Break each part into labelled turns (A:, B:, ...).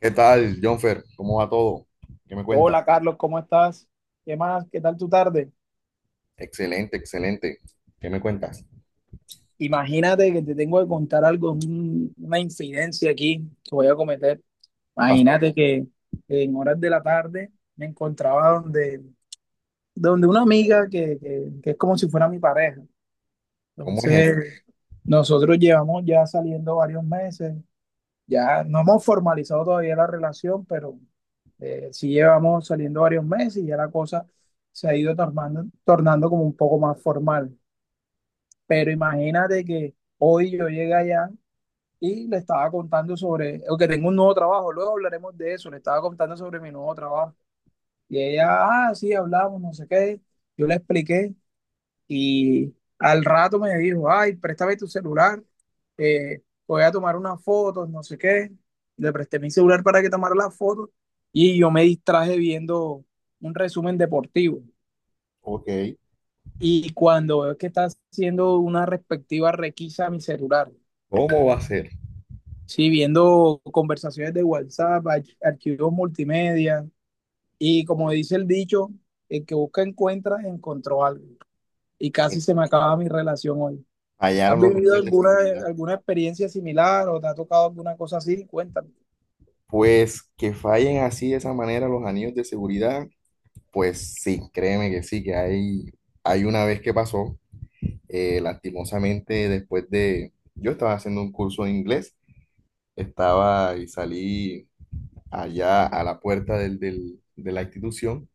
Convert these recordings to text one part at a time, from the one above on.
A: ¿Qué tal, Jonfer? ¿Cómo va todo? ¿Qué me cuentas?
B: Hola Carlos, ¿cómo estás? ¿Qué más? ¿Qué tal tu tarde?
A: Excelente, excelente. ¿Qué me cuentas?
B: Imagínate que te tengo que contar algo, una infidencia aquí que voy a cometer.
A: ¿Qué pasó?
B: Imagínate que en horas de la tarde me encontraba donde una amiga que es como si fuera mi pareja.
A: ¿Cómo es esto?
B: Entonces, nosotros llevamos ya saliendo varios meses, ya no hemos formalizado todavía la relación, pero sí llevamos saliendo varios meses y ya la cosa se ha ido tornando como un poco más formal. Pero imagínate que hoy yo llegué allá y le estaba contando sobre, o que tengo un nuevo trabajo, luego hablaremos de eso, le estaba contando sobre mi nuevo trabajo. Y ella, ah, sí, hablamos, no sé qué. Yo le expliqué y al rato me dijo, ay, préstame tu celular, eh, voy a tomar unas fotos, no sé qué. Le presté mi celular para que tomara las fotos y yo me distraje viendo un resumen deportivo.
A: Ok.
B: Y cuando veo que está haciendo una respectiva requisa a mi celular.
A: ¿Cómo va a ser?
B: Sí, viendo conversaciones de WhatsApp, archivos multimedia. Y como dice el dicho, el que busca encuentra, encontró algo. Y
A: Eh,
B: casi se me acaba mi relación hoy. ¿Has
A: Fallaron los
B: vivido
A: anillos de seguridad.
B: alguna experiencia similar o te ha tocado alguna cosa así? Cuéntame.
A: Pues que fallen así de esa manera los anillos de seguridad, pues sí, créeme que sí, hay una vez que pasó, lastimosamente yo estaba haciendo un curso de inglés, estaba y salí allá a la puerta de la institución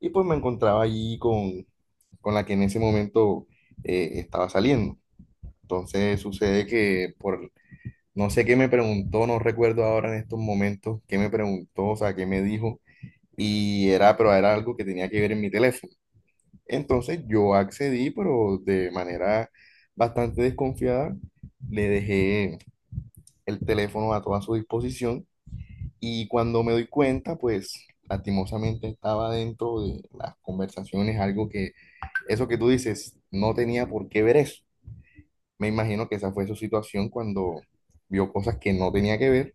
A: y pues me encontraba allí con la que en ese momento estaba saliendo. Entonces sucede que por, no sé qué me preguntó, no recuerdo ahora en estos momentos qué me preguntó, o sea, qué me dijo, pero era algo que tenía que ver en mi teléfono. Entonces yo accedí, pero de manera bastante desconfiada, le dejé el teléfono a toda su disposición y cuando me doy cuenta, pues lastimosamente estaba dentro de las conversaciones, eso que tú dices, no tenía por qué ver eso. Me imagino que esa fue su situación cuando vio cosas que no tenía que ver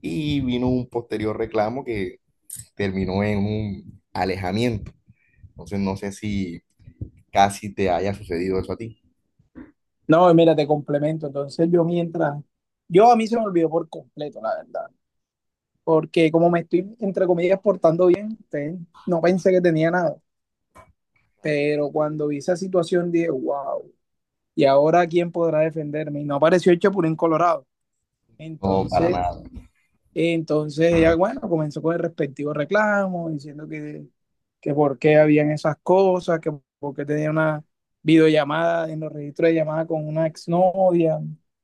A: y vino un posterior reclamo que terminó en un alejamiento. Entonces no sé si casi te haya sucedido eso a ti.
B: No, mira, te complemento. Entonces yo a mí se me olvidó por completo, la verdad. Porque como me estoy, entre comillas, portando bien, no pensé que tenía nada. Pero cuando vi esa situación dije, wow. Y ahora quién podrá defenderme. Y no apareció el Chapulín Colorado.
A: No, para
B: Entonces,
A: nada.
B: entonces ella, bueno, comenzó con el respectivo reclamo, diciendo que por qué habían esas cosas, que por qué tenía una videollamada en los registros de llamada con una exnovia,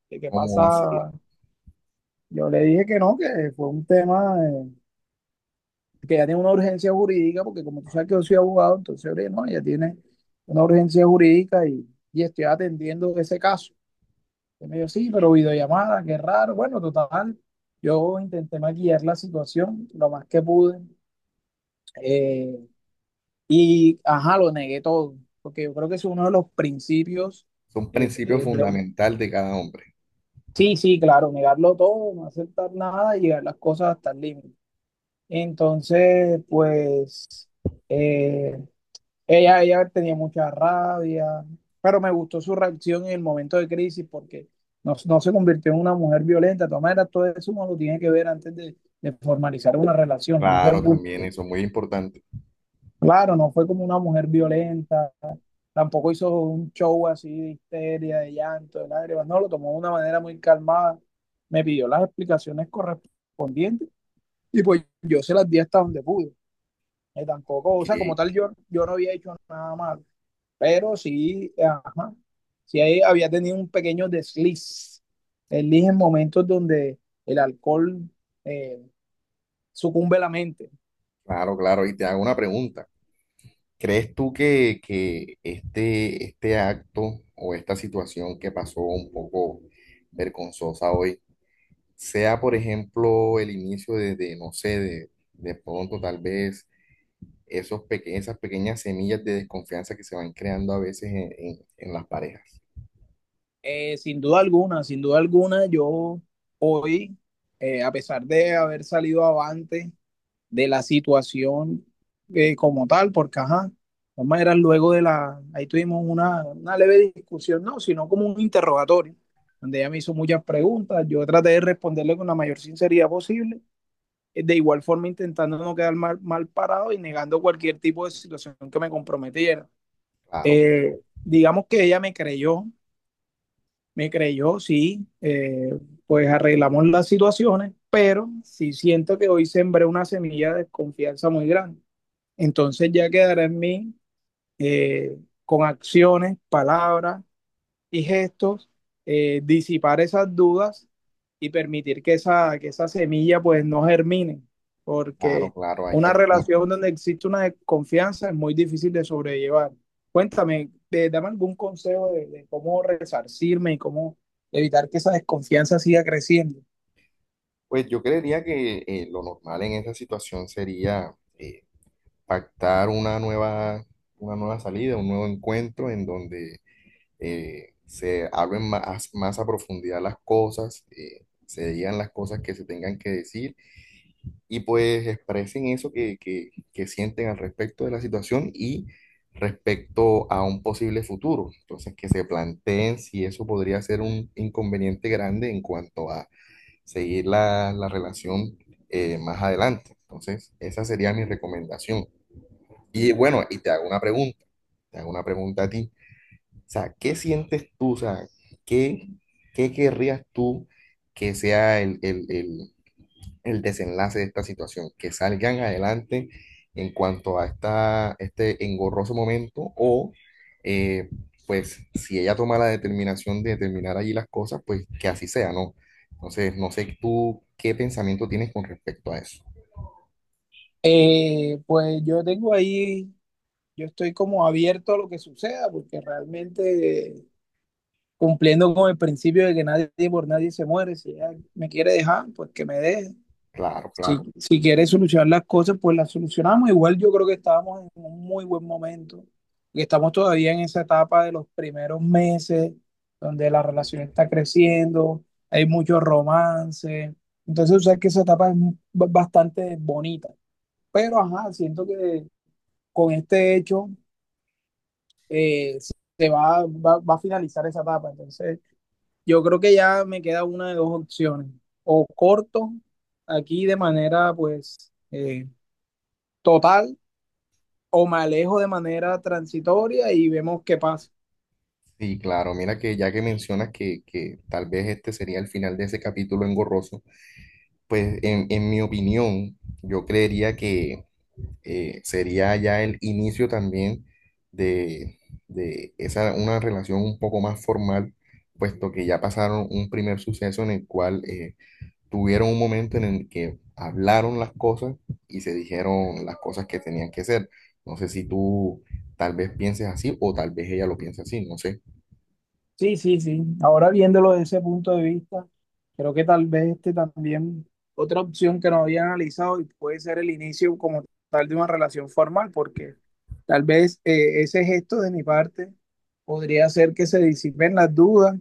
B: que qué
A: ¿Cómo va a ser?
B: pasaba. Yo le dije que no, que fue un tema que ya tiene una urgencia jurídica, porque como tú sabes que yo soy abogado, entonces, oye, no, ella tiene una urgencia jurídica y estoy atendiendo ese caso. Y me dijo, sí, pero videollamada, qué raro. Bueno, total, yo intenté maquillar la situación lo más que pude. eh, y, ajá, lo negué todo, porque yo creo que es uno de los principios.
A: Es un
B: eh,
A: principio
B: eh, de-
A: fundamental de cada hombre.
B: sí, sí, claro, negarlo todo, no aceptar nada y llegar las cosas hasta el límite. Entonces, pues, eh, ella tenía mucha rabia, pero me gustó su reacción en el momento de crisis porque no, no se convirtió en una mujer violenta. De todas maneras, todo eso uno lo tiene que ver antes de formalizar una relación.
A: Claro, también eso es muy importante.
B: Claro, no fue como una mujer violenta, tampoco hizo un show así de histeria, de llanto, de lágrimas. No, lo tomó de una manera muy calmada. Me pidió las explicaciones correspondientes y pues yo se las di hasta donde pude. Tampoco,
A: Ok.
B: o sea, como tal, yo no había hecho nada malo. Pero sí, ajá, sí ahí había tenido un pequeño desliz en momentos donde el alcohol eh, sucumbe la mente.
A: Claro, claro. Y te hago una pregunta. ¿Crees tú que, este acto o esta situación que pasó un poco vergonzosa hoy sea, por ejemplo, el inicio de no sé, de pronto tal vez esas pequeñas semillas de desconfianza que se van creando a veces en las parejas?
B: Sin duda alguna, sin duda alguna, yo hoy, a pesar de haber salido avante de la situación como tal, porque ajá, de todas maneras luego de ahí tuvimos una leve discusión, no, sino como un interrogatorio, donde ella me hizo muchas preguntas, yo traté de responderle con la mayor sinceridad posible. Eh, de igual forma intentando no quedar mal parado y negando cualquier tipo de situación que me comprometiera.
A: Claro,
B: Digamos que ella me creyó, sí, pues arreglamos las situaciones, pero sí siento que hoy sembré una semilla de desconfianza muy grande. Entonces ya quedará en mí eh, con acciones, palabras y gestos, disipar esas dudas y permitir que que esa semilla pues no germine,
A: claro,
B: porque
A: claro, hay que
B: una
A: actuar.
B: relación donde existe una desconfianza es muy difícil de sobrellevar. Cuéntame, dame algún consejo de cómo resarcirme y cómo evitar que esa desconfianza siga creciendo.
A: Pues yo creería que lo normal en esa situación sería pactar una nueva salida, un nuevo encuentro en donde se hablen más a profundidad las cosas, se digan las cosas que se tengan que decir y pues expresen eso que sienten al respecto de la situación y respecto a un posible futuro. Entonces, que se planteen si eso podría ser un inconveniente grande en cuanto a seguir la relación más adelante. Entonces, esa sería mi recomendación. Y bueno, y te hago una pregunta, te hago una pregunta a ti. O sea, ¿qué sientes tú? O sea, ¿qué, ¿qué querrías tú que sea el desenlace de esta situación? ¿Que salgan adelante en cuanto a este engorroso momento o eh, pues si ella toma la determinación de terminar allí las cosas, pues que así sea, ¿no? Entonces, no sé tú qué pensamiento tienes con respecto a eso.
B: Pues yo tengo ahí, yo estoy como abierto a lo que suceda, porque realmente cumpliendo con el principio de que nadie por nadie se muere. Si ella me quiere dejar, pues que me deje.
A: Claro,
B: Si,
A: claro.
B: si quiere solucionar las cosas, pues las solucionamos. Igual yo creo que estábamos en un muy buen momento y estamos todavía en esa etapa de los primeros meses donde la relación está creciendo, hay mucho romance. Entonces, o sea, que esa etapa es bastante bonita. Pero, ajá, siento que con este hecho eh, se va a finalizar esa etapa. Entonces, yo creo que ya me queda una de dos opciones. O corto aquí de manera pues total o me alejo de manera transitoria y vemos qué pasa.
A: Sí, claro, mira que ya que mencionas que tal vez este sería el final de ese capítulo engorroso, pues en mi opinión, yo creería que sería ya el inicio también de, de esa, una relación un poco más formal, puesto que ya pasaron un primer suceso en el cual tuvieron un momento en el que hablaron las cosas y se dijeron las cosas que tenían que ser. No sé si tú tal vez pienses así o tal vez ella lo piense así, no sé.
B: Sí, sí, sí. Ahora viéndolo desde ese punto de vista, creo que tal vez este también otra opción que no había analizado y puede ser el inicio como tal de una relación formal, porque tal vez ese gesto de mi parte podría hacer que se disipen las dudas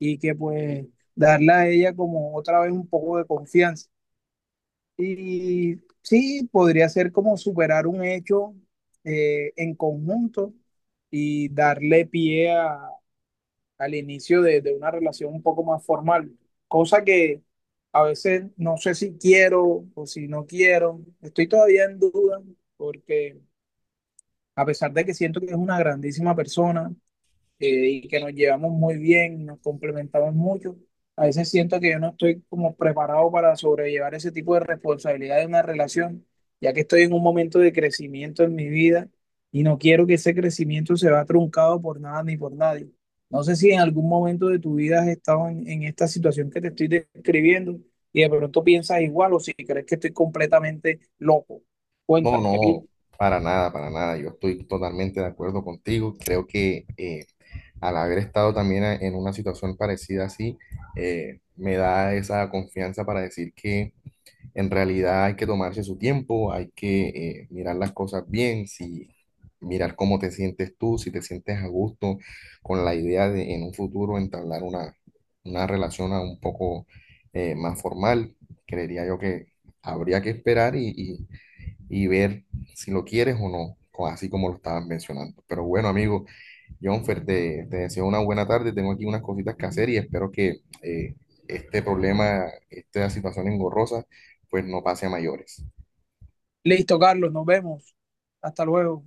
B: y que pues darle a ella como otra vez un poco de confianza. Y sí, podría ser como superar un hecho en conjunto y al inicio de una relación un poco más formal, cosa que a veces no sé si quiero o si no quiero, estoy todavía en duda porque a pesar de que siento que es una grandísima persona, y que nos llevamos muy bien, nos complementamos mucho. A veces siento que yo no estoy como preparado para sobrellevar ese tipo de responsabilidad de una relación, ya que estoy en un momento de crecimiento en mi vida y no quiero que ese crecimiento se vea truncado por nada ni por nadie. No sé si en algún momento de tu vida has estado en esta situación que te estoy describiendo y de pronto piensas igual o si crees que estoy completamente loco.
A: No,
B: Cuéntame, qué
A: no,
B: piensas.
A: para nada, para nada. Yo estoy totalmente de acuerdo contigo. Creo que... al haber estado también en una situación parecida así, me da esa confianza para decir que en realidad hay que tomarse su tiempo, hay que mirar las cosas bien, si mirar cómo te sientes tú, si te sientes a gusto con la idea de en un futuro entablar una relación a un poco más formal, creería yo que habría que esperar y ver si lo quieres o no, así como lo estabas mencionando. Pero bueno, amigo. Jonfer, te deseo una buena tarde. Tengo aquí unas cositas que hacer y espero que este problema, esta situación engorrosa, pues no pase a mayores.
B: Listo, Carlos, nos vemos. Hasta luego.